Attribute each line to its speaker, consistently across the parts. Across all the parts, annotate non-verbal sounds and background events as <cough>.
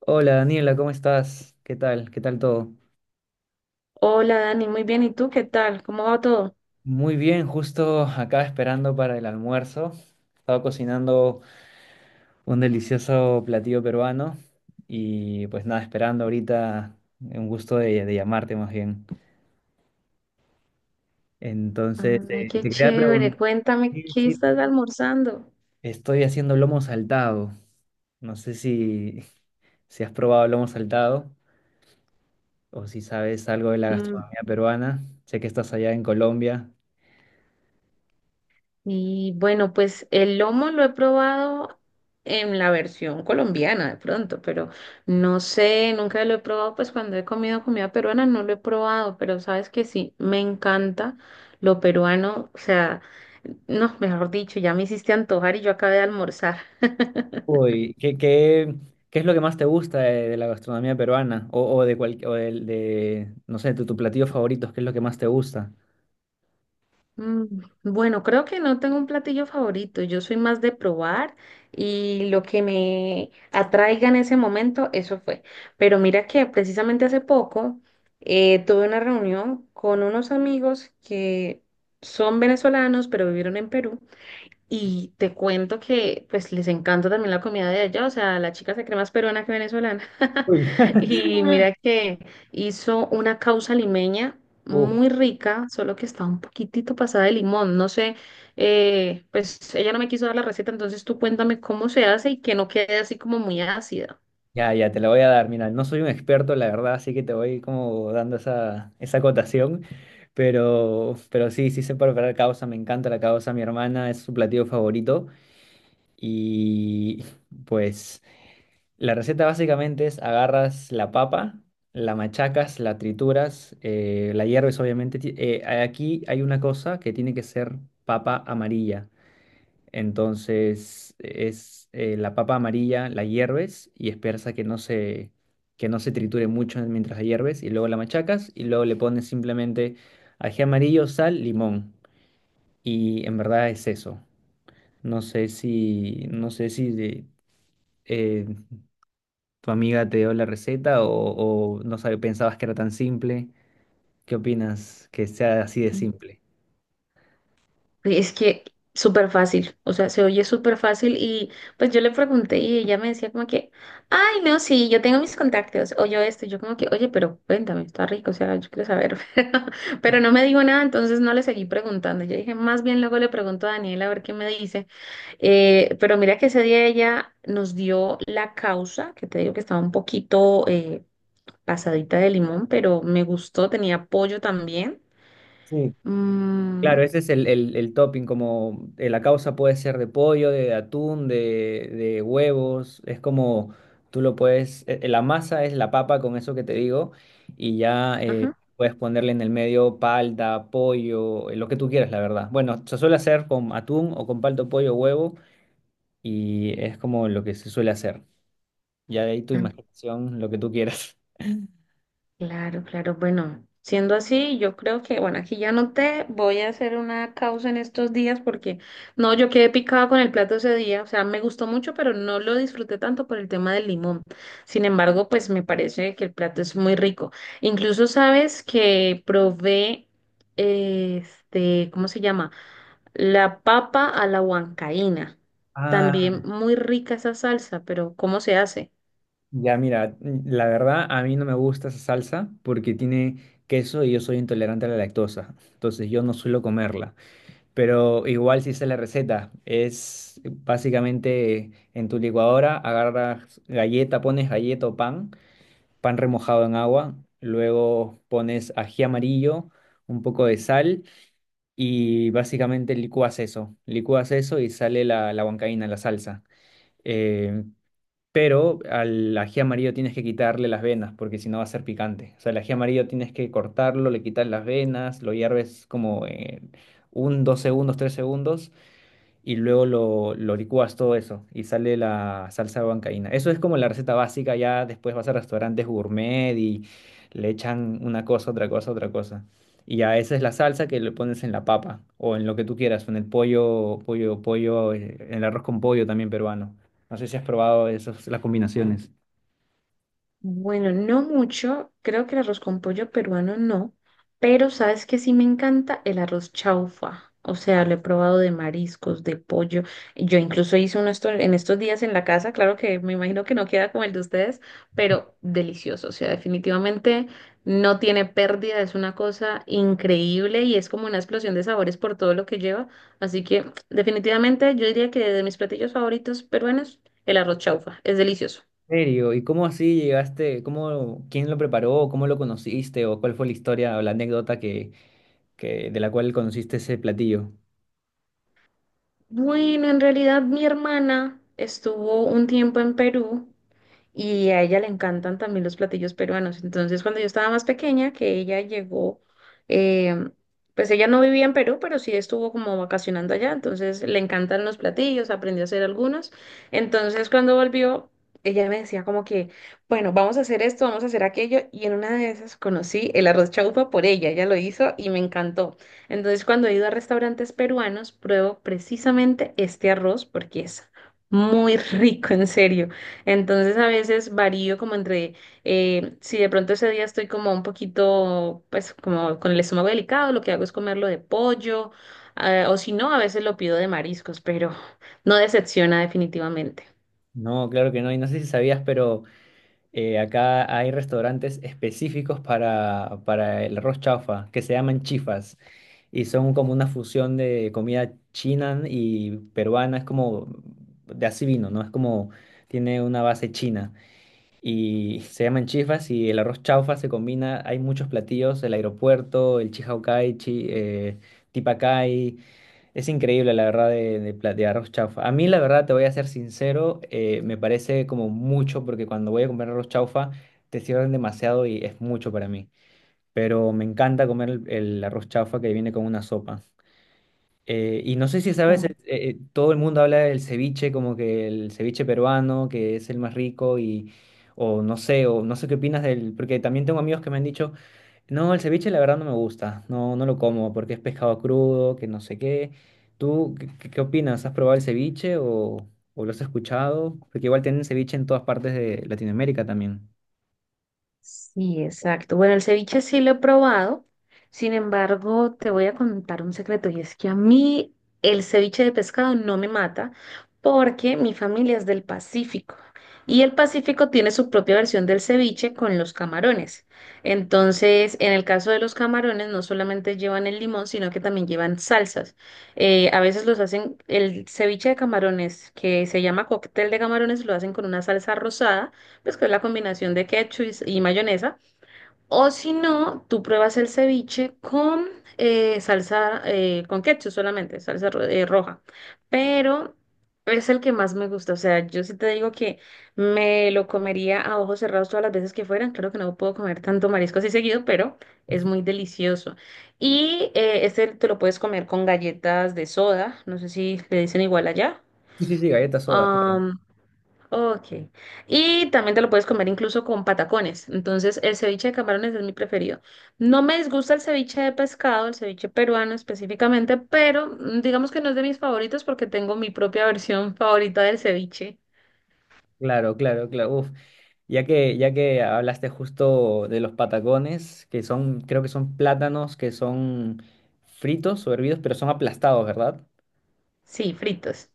Speaker 1: Hola Daniela, ¿cómo estás? ¿Qué tal? ¿Qué tal todo?
Speaker 2: Hola Dani, muy bien. ¿Y tú qué tal? ¿Cómo va todo?
Speaker 1: Muy bien, justo acá esperando para el almuerzo. Estaba cocinando un delicioso platillo peruano y pues nada, esperando ahorita un gusto de llamarte más bien. Entonces,
Speaker 2: Ay,
Speaker 1: te
Speaker 2: qué
Speaker 1: quería
Speaker 2: chévere.
Speaker 1: preguntar,
Speaker 2: Cuéntame,
Speaker 1: sí,
Speaker 2: ¿qué
Speaker 1: sí,
Speaker 2: estás almorzando?
Speaker 1: estoy haciendo lomo saltado. No sé si, si has probado lomo saltado o si sabes algo de la
Speaker 2: Mm,
Speaker 1: gastronomía peruana. Sé que estás allá en Colombia.
Speaker 2: y bueno, pues el lomo lo he probado en la versión colombiana de pronto, pero no sé, nunca lo he probado, pues cuando he comido comida peruana no lo he probado, pero sabes que sí, me encanta lo peruano, o sea, no, mejor dicho, ya me hiciste antojar y yo acabé de almorzar. <laughs>
Speaker 1: Uy, ¿qué es lo que más te gusta de la gastronomía peruana? O de cual, o de, no sé, tu platillo favorito, ¿qué es lo que más te gusta?
Speaker 2: Mm, Bueno, creo que no tengo un platillo favorito. Yo soy más de probar y lo que me atraiga en ese momento, eso fue. Pero mira que precisamente hace poco tuve una reunión con unos amigos que son venezolanos, pero vivieron en Perú. Y te cuento que pues les encanta también la comida de allá, o sea, la chica se cree más peruana que venezolana.
Speaker 1: Uy.
Speaker 2: <laughs> Y mira
Speaker 1: <laughs>
Speaker 2: que hizo una causa limeña
Speaker 1: Uf,
Speaker 2: muy rica, solo que está un poquitito pasada de limón. No sé, pues ella no me quiso dar la receta, entonces tú cuéntame cómo se hace y que no quede así como muy ácida.
Speaker 1: ya, te la voy a dar. Mira, no soy un experto, la verdad, así que te voy como dando esa acotación. Pero sí, sí sé preparar causa, me encanta la causa, mi hermana es su platillo favorito. Y pues, la receta básicamente es agarras la papa, la machacas, la trituras, la hierves obviamente. Aquí hay una cosa que tiene que ser papa amarilla. Entonces es la papa amarilla, la hierves y esperas a que no se triture mucho mientras la hierves y luego la machacas y luego le pones simplemente ají amarillo, sal, limón. Y en verdad es eso. No sé si eh, ¿tu amiga te dio la receta o no sabe, pensabas que era tan simple? ¿Qué opinas que sea así de simple?
Speaker 2: Es que súper fácil, o sea, se oye súper fácil y pues yo le pregunté y ella me decía como que, ay, no, sí, yo tengo mis contactos, o yo esto, y yo como que, oye, pero cuéntame, está rico, o sea, yo quiero saber, <laughs> pero no me dijo nada, entonces no le seguí preguntando, yo dije, más bien luego le pregunto a Daniela a ver qué me dice. Pero mira que ese día ella nos dio la causa, que te digo que estaba un poquito pasadita de limón, pero me gustó, tenía pollo también.
Speaker 1: Sí,
Speaker 2: Mm,
Speaker 1: claro, ese es el topping, como la causa puede ser de pollo, de atún, de huevos, es como tú lo puedes, la masa es la papa con eso que te digo y ya,
Speaker 2: ajá.
Speaker 1: puedes ponerle en el medio palta, pollo, lo que tú quieras, la verdad. Bueno, se suele hacer con atún o con palta, pollo, huevo y es como lo que se suele hacer. Ya de ahí tu imaginación, lo que tú quieras. <laughs>
Speaker 2: Claro, claro. Bueno, siendo así, yo creo que, bueno, aquí ya noté, voy a hacer una causa en estos días porque, no, yo quedé picada con el plato ese día, o sea, me gustó mucho, pero no lo disfruté tanto por el tema del limón. Sin embargo, pues me parece que el plato es muy rico. Incluso sabes que probé, este, ¿cómo se llama? La papa a la huancaína. También
Speaker 1: Ah,
Speaker 2: muy rica esa salsa, pero ¿cómo se hace?
Speaker 1: ya mira, la verdad a mí no me gusta esa salsa porque tiene queso y yo soy intolerante a la lactosa, entonces yo no suelo comerla, pero igual si sé la receta, es básicamente en tu licuadora agarras galleta, pones galleta o pan, pan remojado en agua, luego pones ají amarillo, un poco de sal y básicamente licúas eso y sale la huancaína, la salsa. eh, pero al ají amarillo tienes que quitarle las venas porque si no va a ser picante. O sea, el ají amarillo tienes que cortarlo, le quitas las venas, lo hierves como un, dos segundos, tres segundos y luego lo licúas todo eso y sale la salsa de huancaína. Eso es como la receta básica, ya después vas a restaurantes gourmet y le echan una cosa, otra cosa, otra cosa. Y ya esa es la salsa que le pones en la papa o en lo que tú quieras, o en el pollo, pollo, pollo, en el arroz con pollo también peruano. No sé si has probado esas, las combinaciones.
Speaker 2: Bueno, no mucho, creo que el arroz con pollo peruano no, pero sabes que sí me encanta el arroz chaufa, o sea, lo he probado de mariscos, de pollo, yo incluso hice uno en estos días en la casa, claro que me imagino que no queda como el de ustedes, pero delicioso, o sea, definitivamente no tiene pérdida, es una cosa increíble y es como una explosión de sabores por todo lo que lleva, así que definitivamente yo diría que de mis platillos favoritos peruanos, el arroz chaufa, es delicioso.
Speaker 1: ¿En serio? ¿Y cómo así llegaste? ¿Cómo, quién lo preparó? ¿Cómo lo conociste? ¿O cuál fue la historia o la anécdota de la cual conociste ese platillo?
Speaker 2: Bueno, en realidad mi hermana estuvo un tiempo en Perú y a ella le encantan también los platillos peruanos. Entonces, cuando yo estaba más pequeña, que ella llegó, eh, pues ella no vivía en Perú, pero sí estuvo como vacacionando allá, entonces le encantan los platillos, aprendió a hacer algunos. Entonces, cuando volvió, ella me decía como que, bueno, vamos a hacer esto, vamos a hacer aquello, y en una de esas conocí el arroz chaufa por ella, ella lo hizo y me encantó. Entonces, cuando he ido a restaurantes peruanos, pruebo precisamente este arroz porque es muy <laughs> rico, en serio. Entonces a veces varío como entre, si de pronto ese día estoy como un poquito, pues como con el estómago delicado, lo que hago es comerlo de pollo, o si no, a veces lo pido de mariscos, pero no decepciona definitivamente.
Speaker 1: No, claro que no. Y no sé si sabías, pero acá hay restaurantes específicos para el arroz chaufa, que se llaman chifas, y son como una fusión de comida china y peruana, es como de así vino, ¿no? Es como tiene una base china. Y se llaman chifas y el arroz chaufa se combina, hay muchos platillos, el aeropuerto, el chihaucay, tipacay. Es increíble, la verdad, de arroz chaufa. A mí, la verdad, te voy a ser sincero, me parece como mucho, porque cuando voy a comer arroz chaufa, te sirven demasiado y es mucho para mí. Pero me encanta comer el arroz chaufa que viene con una sopa. Y no sé si sabes, todo el mundo habla del ceviche, como que el ceviche peruano, que es el más rico, y, o no sé qué opinas del, porque también tengo amigos que me han dicho no, el ceviche la verdad no me gusta, no, no lo como porque es pescado crudo, que no sé qué. ¿Tú qué opinas? ¿Has probado el ceviche o lo has escuchado? Porque igual tienen ceviche en todas partes de Latinoamérica también.
Speaker 2: Sí, exacto. Bueno, el ceviche sí lo he probado. Sin embargo, te voy a contar un secreto y es que a mí el ceviche de pescado no me mata porque mi familia es del Pacífico y el Pacífico tiene su propia versión del ceviche con los camarones. Entonces, en el caso de los camarones, no solamente llevan el limón, sino que también llevan salsas. A veces los hacen, el ceviche de camarones, que se llama cóctel de camarones, lo hacen con una salsa rosada pues que es la combinación de ketchup y mayonesa. O si no, tú pruebas el ceviche con salsa, con ketchup solamente, salsa roja. Pero es el que más me gusta. O sea, yo sí te digo que me lo comería a ojos cerrados todas las veces que fueran. Claro que no puedo comer tanto marisco así seguido, pero es muy delicioso. Y este te lo puedes comer con galletas de soda. No sé si le dicen igual allá.
Speaker 1: Sí, sí, sí, galletas soda.
Speaker 2: Ok. Y también te lo puedes comer incluso con patacones. Entonces, el ceviche de camarones es mi preferido. No me disgusta el ceviche de pescado, el ceviche peruano específicamente, pero digamos que no es de mis favoritos porque tengo mi propia <laughs> versión favorita del ceviche.
Speaker 1: Claro, claro, claro. Uf. Ya que hablaste justo de los patacones, que son, creo que son plátanos que son fritos o hervidos, pero son aplastados, ¿verdad?
Speaker 2: Sí, fritos.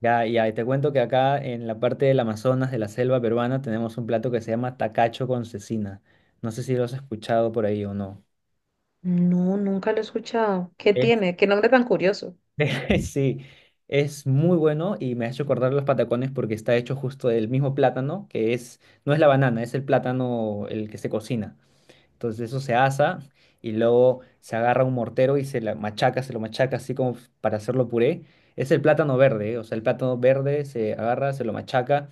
Speaker 1: Ya, ya, y te cuento que acá en la parte del Amazonas, de la selva peruana, tenemos un plato que se llama tacacho con cecina. No sé si lo has escuchado por ahí o no.
Speaker 2: No, nunca lo he escuchado. ¿Qué
Speaker 1: Es-
Speaker 2: tiene? ¿Qué nombre tan curioso?
Speaker 1: <laughs> sí, es muy bueno y me ha hecho acordar los patacones porque está hecho justo del mismo plátano, no es la banana, es el plátano el que se cocina. Entonces eso se asa y luego se agarra un mortero y se la machaca, se lo machaca así como para hacerlo puré. Es el plátano verde, ¿eh? O sea, el plátano verde se agarra, se lo machaca.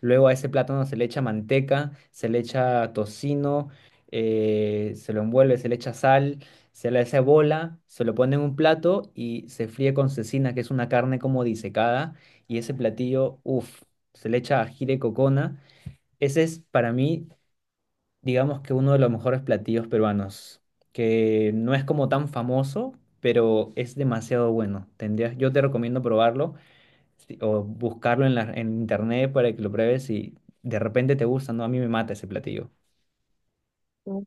Speaker 1: Luego a ese plátano se le echa manteca, se le echa tocino, se lo envuelve, se le echa sal, se le hace bola, se lo pone en un plato y se fríe con cecina, que es una carne como disecada. Y ese platillo, uff, se le echa ají de cocona. Ese es para mí digamos que uno de los mejores platillos peruanos, que no es como tan famoso, pero es demasiado bueno. Tendrías, yo te recomiendo probarlo o buscarlo en en internet para que lo pruebes y de repente te gusta, ¿no? A mí me mata ese platillo.
Speaker 2: Mm.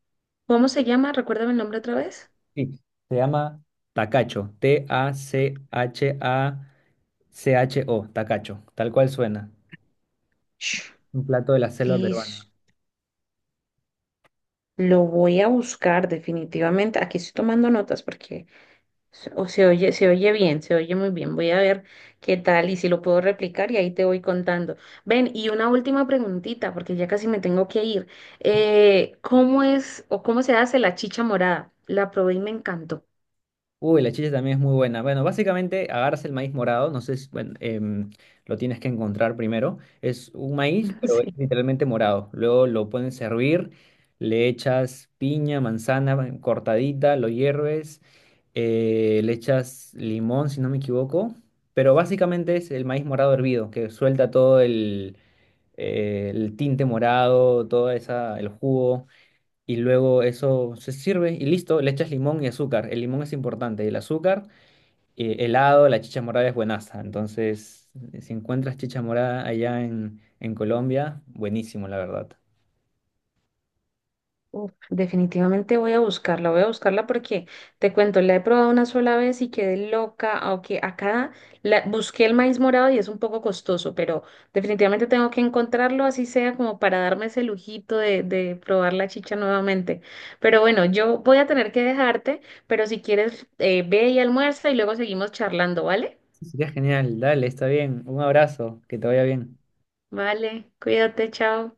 Speaker 2: ¿Cómo se llama? Recuérdame el nombre otra vez.
Speaker 1: Sí, se llama tacacho, TACHACHO, tacacho, tal cual suena.
Speaker 2: Sh,
Speaker 1: Un plato de la selva peruana.
Speaker 2: fish. Lo voy a buscar definitivamente. Aquí estoy tomando notas porque o se oye bien, se oye muy bien. Voy a ver qué tal y si lo puedo replicar y ahí te voy contando. Ven, y una última preguntita, porque ya casi me tengo que ir. ¿Cómo es o cómo se hace la chicha morada? La probé y me encantó.
Speaker 1: Uy, la chicha también es muy buena. Bueno, básicamente agarras el maíz morado, no sé si, bueno, lo tienes que encontrar primero. Es un maíz,
Speaker 2: <laughs>
Speaker 1: pero es
Speaker 2: Sí.
Speaker 1: literalmente morado. Luego lo pones a hervir, le echas piña, manzana cortadita, lo hierves, le echas limón, si no me equivoco. Pero básicamente es el maíz morado hervido, que suelta todo el tinte morado, todo esa, el jugo y luego eso se sirve y listo, le echas limón y azúcar. El limón es importante, el azúcar, helado, la chicha morada es buenaza. Entonces, si encuentras chicha morada allá en Colombia, buenísimo, la verdad.
Speaker 2: Uf, definitivamente voy a buscarla porque te cuento, la he probado una sola vez y quedé loca, aunque acá busqué el maíz morado y es un poco costoso, pero definitivamente tengo que encontrarlo, así sea como para darme ese lujito de probar la chicha nuevamente. Pero bueno, yo voy a tener que dejarte, pero si quieres, ve y almuerza y luego seguimos charlando, ¿vale?
Speaker 1: Sería genial, dale, está bien. Un abrazo, que te vaya bien.
Speaker 2: Vale, cuídate, chao.